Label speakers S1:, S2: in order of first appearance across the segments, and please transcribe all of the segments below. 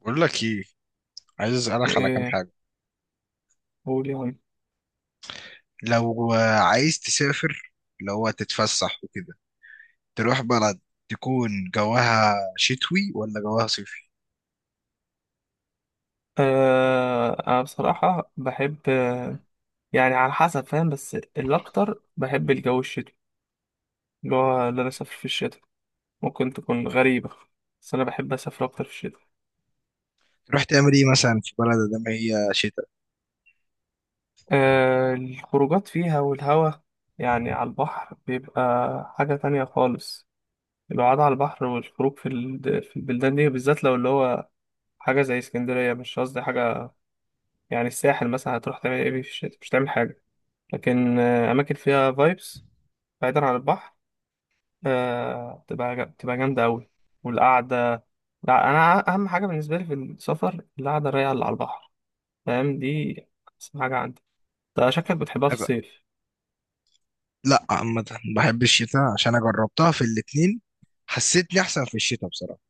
S1: بقول لك ايه؟ عايز اسالك على كام
S2: ايه؟
S1: حاجه.
S2: قول يا عم.
S1: لو عايز تسافر، اللي هو تتفسح وكده، تروح بلد، تكون جواها شتوي ولا جواها صيفي؟
S2: آه، انا بصراحة بحب يعني على حسب، فاهم؟ بس الاكتر بحب الجو الشتوي، اللي هو اللي انا اسافر في الشتاء. ممكن تكون غريبة، بس انا بحب اسافر اكتر في الشتاء.
S1: تروح تعمل ايه مثلا في بلد ده ما هي شتاء؟
S2: آه، الخروجات فيها والهوا، يعني على البحر بيبقى حاجة تانية خالص. القعدة على البحر والخروج في البلدان دي بالذات، لو اللي هو حاجة زي اسكندرية. مش قصدي حاجة يعني الساحل، مثلا هتروح تعمل ايه في الشتاء؟ مش تعمل حاجة. لكن آه، أماكن فيها فايبس بعيدا عن البحر، آه، تبقى تبقى جامدة أوي، والقعدة. لا، أنا أهم حاجة بالنسبة لي في السفر القعدة الرايقة اللي على البحر، فاهم دي؟ أحسن حاجة عندي. أنت شكلك بتحبها في
S1: أب-
S2: الصيف.
S1: لا عامه، بحب الشتاء عشان انا جربتها في الاتنين، حسيتني احسن في الشتاء بصراحه.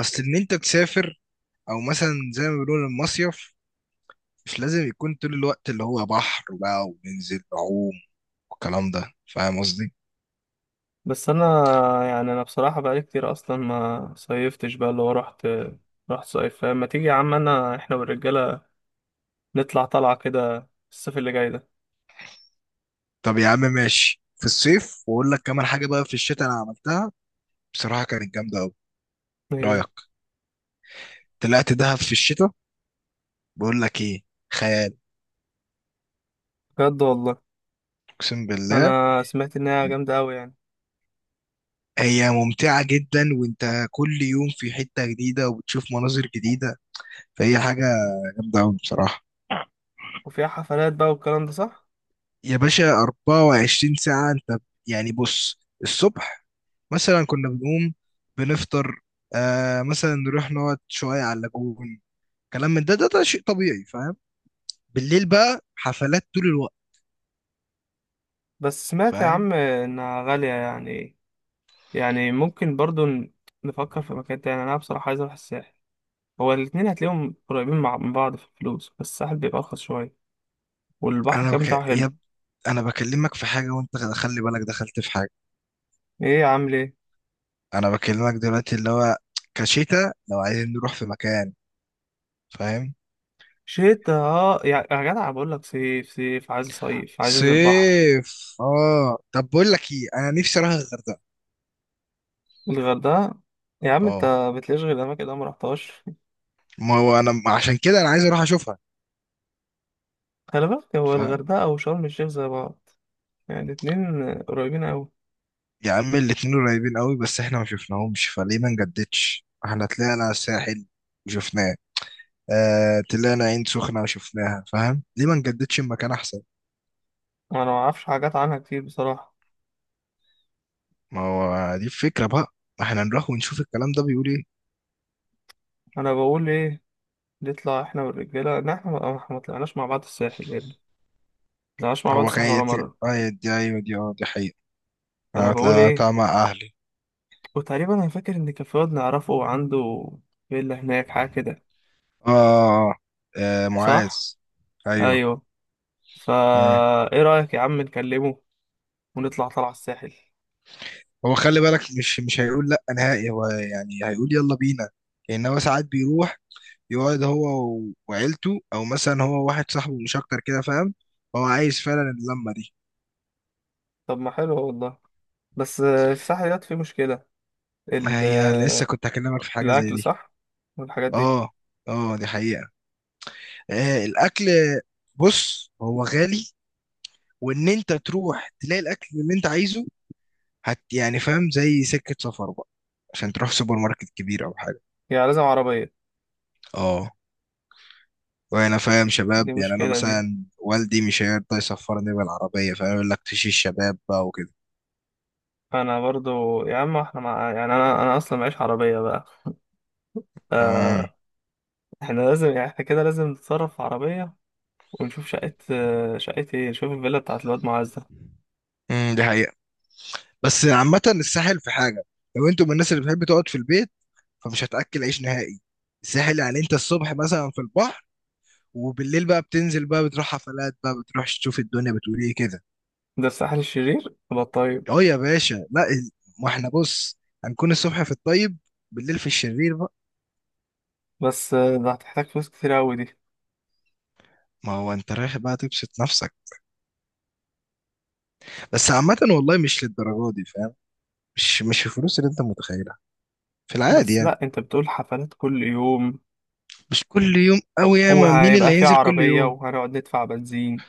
S1: اصل ان انت تسافر او مثلا زي ما بيقولوا المصيف مش لازم يكون طول الوقت اللي هو بحر بقى وننزل نعوم والكلام ده، فاهم قصدي؟
S2: بس أنا يعني أنا بصراحة بقالي كتير أصلا ما صيفتش بقى، اللي هو رحت صيف، فما تيجي يا عم أنا، إحنا والرجالة، نطلع طلعة كده الصيف اللي جاي ده.
S1: طب يا عم ماشي، في الصيف، واقول لك كمان حاجه بقى، في الشتاء انا عملتها بصراحه كانت جامده قوي.
S2: إيه؟
S1: رايك؟ طلعت دهب في الشتاء. بقول لك ايه، خيال.
S2: بجد والله.
S1: اقسم بالله.
S2: أنا سمعت إنها جامدة أوي يعني.
S1: هي ممتعه جدا وانت كل يوم في حته جديده وبتشوف مناظر جديده، فهي حاجه جامده قوي بصراحه.
S2: وفيها حفلات بقى والكلام ده، صح؟
S1: يا باشا 24 ساعه انت. يعني بص الصبح مثلا كنا بنقوم، بنفطر، مثلا نروح نقعد شويه على اللاجون، كلام من ده ده، ده شيء طبيعي، فاهم؟ بالليل بقى حفلات طول الوقت،
S2: بس سمعت يا
S1: فاهم.
S2: عم انها غالية يعني، يعني ممكن برضو نفكر في مكان تاني. انا بصراحة عايز اروح الساحل. هو الاتنين هتلاقيهم قريبين مع من بعض في الفلوس، بس الساحل بيبقى ارخص شوية، والبحر
S1: انا
S2: كان
S1: بك...
S2: بتاعه
S1: يا
S2: حلو.
S1: ب... انا بكلمك في حاجه وانت خلي بالك دخلت في حاجه.
S2: ايه يا عم ليه؟
S1: انا بكلمك دلوقتي اللي هو كشتا، لو عايزين نروح في مكان، فاهم.
S2: شتا؟ اه يا جدع بقول لك صيف، صيف، عايز صيف، عايز انزل البحر.
S1: صيف طب بقول لك ايه انا نفسي اروح الغردقه.
S2: الغردقة؟ يا عم انت
S1: اه،
S2: بتلاقيش غير الاماكن اللي انا مرحتهاش.
S1: ما هو انا عشان كده انا عايز اروح اشوفها،
S2: خلي بالك، هو
S1: فاهم.
S2: الغردقة وشرم الشيخ زي بعض، يعني الاتنين قريبين اوي.
S1: يا عم الاتنين قريبين قوي بس احنا ما شفناهمش، فليه ما نجددش؟ احنا طلعنا الساحل وشفناه، طلعنا عين سخنه وشفناها، فاهم، ليه ما نجددش المكان احسن؟
S2: انا معرفش حاجات عنها كتير بصراحة.
S1: ما هو دي الفكرة بقى، ما احنا نروح ونشوف الكلام ده بيقول ايه.
S2: انا بقول ايه، نطلع احنا والرجاله. لا، احنا ما إحنا ما طلعناش مع بعض الساحل يا ابني، ما طلعناش مع بعض
S1: هو كان
S2: الساحل ولا
S1: يت-
S2: مره.
S1: اه دي، ايوه دي، اه، دي حقيقة.
S2: فانا
S1: انا
S2: بقول ايه،
S1: طلعتها مع اهلي.
S2: وتقريبا انا فاكر ان كان في واد نعرفه عنده فيلا هناك، حاجه كده.
S1: اه، اه. آه، معاذ.
S2: صح؟
S1: ايوه.
S2: ايوه. فا
S1: مم.
S2: ايه رايك يا عم نكلمه ونطلع طلع الساحل؟
S1: هو خلي بالك، مش هيقول لا نهائي، هو يعني هيقول يلا بينا. لان هو ساعات بيروح يقعد هو وعيلته، او مثلا هو واحد صاحبه مش اكتر كده، فاهم، هو عايز فعلا اللمة دي.
S2: طب ما حلو والله. بس الساحل ده فيه مشكله،
S1: ما
S2: ال...
S1: هي لسه كنت هكلمك في حاجة زي
S2: الاكل،
S1: دي.
S2: صح؟ والحاجات دي.
S1: اه، اه، دي حقيقة. الاكل، بص هو غالي، وان انت تروح تلاقي الاكل اللي انت عايزه يعني، فاهم، زي سكه سفر بقى، عشان تروح سوبر ماركت كبير او حاجه.
S2: يعني لازم عربيه.
S1: اه، وانا فاهم
S2: دي
S1: شباب، يعني انا
S2: مشكله دي.
S1: مثلا والدي مش هيرضى يسفرني بالعربيه، فاهم، يقول لك تشي الشباب بقى وكده.
S2: انا برضو يا عم يعني انا اصلا معيش عربيه بقى،
S1: امم.
S2: آه، احنا لازم يعني احنا كده لازم نتصرف في عربية، ونشوف شقة آه، شقة ايه، نشوف الفيلا بتاعت الواد معاذ ده.
S1: دي حقيقه. بس عامه الساحل في حاجه، لو انتوا من الناس اللي بتحب تقعد في البيت، فمش هتاكل عيش نهائي. الساحل يعني انت الصبح مثلا في البحر، وبالليل بقى بتنزل بقى، بتروح حفلات بقى، بتروح تشوف الدنيا بتقول ايه كده.
S2: ده الساحل الشرير يبقى؟ طيب.
S1: اه يا باشا، لا ال- ما احنا بص، هنكون الصبح في الطيب، بالليل في الشرير بقى.
S2: بس آه، ده هتحتاج فلوس كتير أوي دي.
S1: ما هو انت رايح بقى تبسط نفسك، بس عامة والله مش للدرجة دي، فاهم، مش الفلوس اللي انت متخيلها، في العادي
S2: بس
S1: يعني.
S2: لأ، انت بتقول حفلات كل يوم،
S1: مش كل يوم قوي، ياما مين اللي
S2: وهيبقى في
S1: هينزل كل
S2: عربية
S1: يوم.
S2: وهنقعد ندفع بنزين،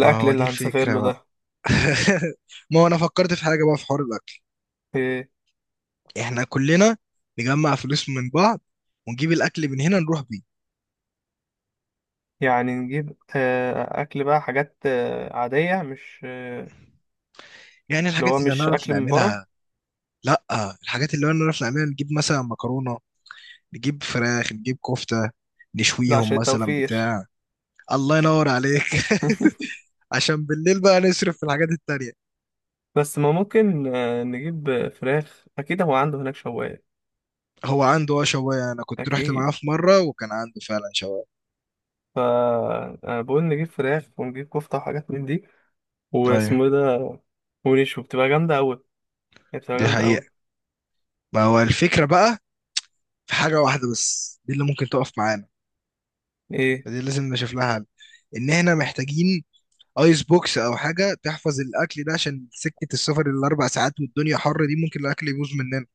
S1: ما هو
S2: اللي
S1: دي
S2: هنسافر
S1: الفكرة
S2: له
S1: بقى.
S2: ده.
S1: ما هو انا فكرت في حاجة بقى في حوار الاكل.
S2: إيه؟
S1: احنا كلنا نجمع فلوس من بعض، ونجيب الاكل من هنا نروح بيه.
S2: يعني نجيب آه، أكل بقى، حاجات آه، عادية، مش آه،
S1: يعني
S2: اللي
S1: الحاجات
S2: هو
S1: اللي
S2: مش
S1: هنعرف
S2: أكل من بره.
S1: نعملها. لا، الحاجات اللي انا نعرف نعملها، نجيب مثلا مكرونه، نجيب فراخ، نجيب كفته،
S2: ده
S1: نشويهم
S2: عشان
S1: مثلا
S2: التوفير.
S1: بتاع. الله ينور عليك. عشان بالليل بقى نصرف في الحاجات التانية.
S2: بس ما ممكن آه، نجيب آه، فراخ، أكيد هو عنده هناك شواية.
S1: هو عنده شواية، انا كنت رحت
S2: أكيد.
S1: معاه في مرة وكان عنده فعلا شواية.
S2: فأنا بقول نجيب فراخ ونجيب كفتة وحاجات من دي،
S1: ايوه،
S2: واسمه إيه ده، ونشوي، بتبقى جامدة أوي، هي بتبقى
S1: دي
S2: جامدة أوي.
S1: حقيقة. ما هو الفكرة بقى، في حاجة واحدة بس دي اللي ممكن تقف معانا،
S2: إيه؟
S1: فدي لازم نشوف لها حل. ان احنا محتاجين ايس بوكس او حاجة تحفظ الاكل ده، عشان سكة السفر الاربع ساعات والدنيا حر دي، ممكن الاكل يبوظ مننا.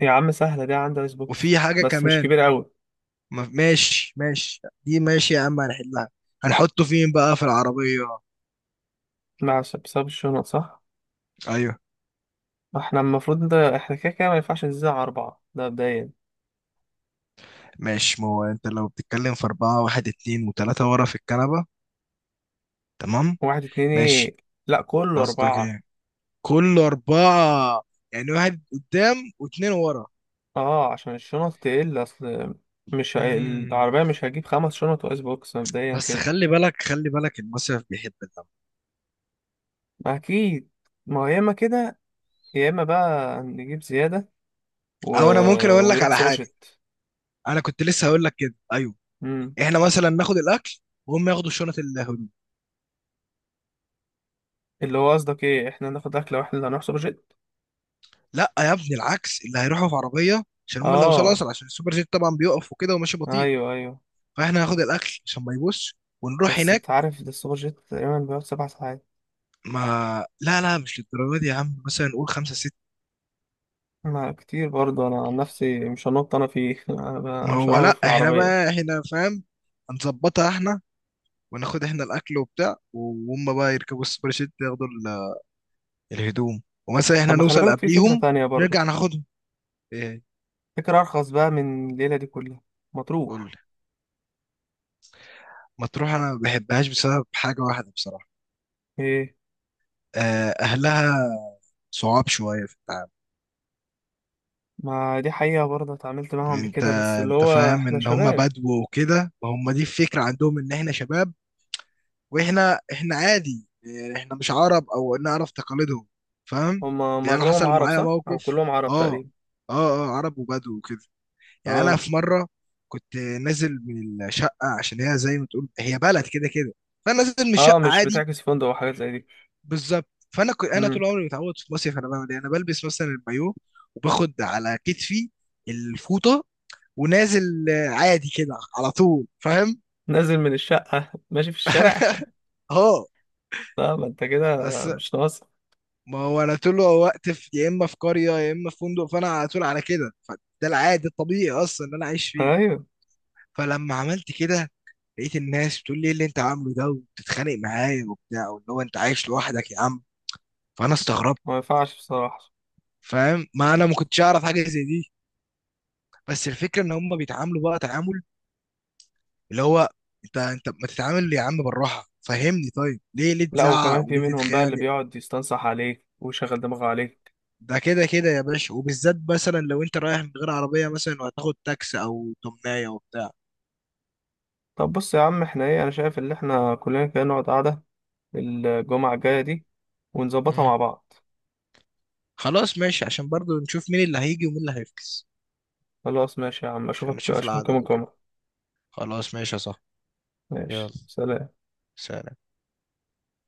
S2: يا عم سهلة دي، عندها ايس بوكس
S1: وفي حاجة
S2: بس مش
S1: كمان.
S2: كبيرة أوي.
S1: ماشي ماشي دي ماشي يا عم، هنحلها. هنحطه فين بقى في العربية؟
S2: مع بسبب الشنط، صح؟
S1: ايوه.
S2: احنا المفروض ده، احنا كده كده ما ينفعش نزيد عن أربعة ده مبدئيا.
S1: ماشي، ما هو انت لو بتتكلم في أربعة، واحد اتنين وتلاتة ورا في الكنبة، تمام.
S2: واحد اتنين
S1: ماشي.
S2: إيه؟ لأ، كله
S1: قصدك
S2: أربعة.
S1: ايه كل أربعة؟ يعني واحد قدام واتنين ورا.
S2: اه عشان الشنط تقل أصل، مش هي-
S1: مم.
S2: العربية مش هجيب خمس شنط وآيس بوكس مبدئيا
S1: بس
S2: كده.
S1: خلي بالك خلي بالك، المصيف بيحب الدم.
S2: أكيد. ما هو يا إما كده، يا إما بقى نجيب زيادة، و...
S1: او انا ممكن اقول لك
S2: ويروح
S1: على
S2: سوبر
S1: حاجة.
S2: جيت.
S1: انا كنت لسه هقول لك كده، ايوه.
S2: امم.
S1: احنا مثلا ناخد الاكل وهم ياخدوا شنط.
S2: اللي هو قصدك ايه، احنا ناخد اكله واحنا اللي هنروح سوبر جيت؟
S1: لا يا ابني العكس، اللي هيروحوا في عربيه، عشان هم اللي هيوصلوا
S2: اه،
S1: اسرع، عشان السوبر جيت طبعا بيقف وكده وماشي بطيء.
S2: ايوه ايوه.
S1: فاحنا هناخد الاكل عشان ما يبص، ونروح
S2: بس
S1: هناك.
S2: انت عارف ده السوبر جيت تقريبا بيقعد 7 ساعات.
S1: ما، لا، لا مش للدرجه دي يا عم، مثلا نقول خمسة ستة.
S2: ما كتير برضه. انا عن نفسي مش هنط انا فيه، أنا
S1: ما
S2: مش
S1: هو
S2: هروح
S1: لا،
S2: في
S1: احنا
S2: العربيه.
S1: بقى احنا، فاهم، هنظبطها احنا، وناخد احنا الاكل وبتاع، وهم بقى يركبوا السوبر جيت ياخدوا الهدوم، ومثلا احنا
S2: طب ما خلي
S1: نوصل
S2: بالك في فكره
S1: قبليهم،
S2: تانية برضه،
S1: نرجع ناخدهم. ايه؟
S2: فكره ارخص بقى من الليله دي كلها. ما
S1: قول
S2: تروح.
S1: لي. مطروح، انا ما بحبهاش بسبب حاجه واحده بصراحه.
S2: ايه؟
S1: اهلها صعاب شويه في التعامل.
S2: ما دي حقيقه برضه، اتعاملت معاهم قبل
S1: انت
S2: كده، بس اللي
S1: انت
S2: هو
S1: فاهم
S2: احنا
S1: ان هم
S2: شباب.
S1: بدو وكده، ما هم دي الفكره عندهم ان احنا شباب. واحنا عادي، يعني احنا مش عرب او نعرف تقاليدهم، فاهم.
S2: هم
S1: يعني انا
S2: اغلبهم
S1: حصل
S2: عرب،
S1: معايا
S2: صح؟ او
S1: موقف.
S2: كلهم عرب
S1: اه، اه،
S2: تقريبا.
S1: اه. عرب وبدو وكده. يعني انا
S2: اه
S1: في مره كنت نازل من الشقه، عشان هي زي ما تقول هي بلد كده كده، فانا نازل من
S2: اه.
S1: الشقه
S2: مش
S1: عادي.
S2: بتعكس فندق وحاجات زي
S1: بالظبط. فانا كنت انا
S2: دي.
S1: طول عمري متعود في مصيف، انا بعمل ايه، انا بلبس مثلا البايو وباخد على كتفي الفوطه، ونازل عادي كده على طول، فاهم.
S2: نازل من الشقة ماشي في الشارع؟
S1: اه.
S2: لا ما انت كده
S1: أس...
S2: مش ناقص.
S1: ما هو انا طول الوقت في يا اما في قريه يا اما في فندق، فانا على طول على كده، فده العادي الطبيعي اصلا ان انا عايش فيه.
S2: ايوه
S1: فلما عملت كده لقيت الناس بتقول لي إيه اللي انت عامله ده، وبتتخانق معايا وبتاع، واللي هو انت عايش لوحدك يا عم. فانا استغربت،
S2: ما ينفعش بصراحة.
S1: فاهم، ما انا ما كنتش اعرف حاجه زي دي. بس الفكره ان هم بيتعاملوا بقى تعامل، اللي هو، انت ما تتعامل يا عم بالراحه، فهمني، طيب ليه
S2: لا،
S1: تزعق
S2: وكمان في
S1: وليه
S2: منهم بقى اللي
S1: تتخانق.
S2: بيقعد يستنصح عليك ويشغل دماغه عليك.
S1: ده كده كده يا باشا، وبالذات مثلا لو انت رايح من غير عربية مثلا وهتاخد تاكسي او تمناية وبتاع.
S2: طب بص يا عم، احنا ايه، انا شايف ان احنا كلنا كده نقعد قعدة الجمعة الجاية دي، ونظبطها
S1: مم.
S2: مع بعض.
S1: خلاص ماشي، عشان برضو نشوف مين اللي هيجي ومين اللي هيفكس،
S2: خلاص ماشي يا عم،
S1: عشان نشوف
S2: اشوفك يوم
S1: العدد وكده.
S2: الجمعة.
S1: خلاص ماشي يا صاحبي. يلا.
S2: ماشي، سلام.
S1: سلام.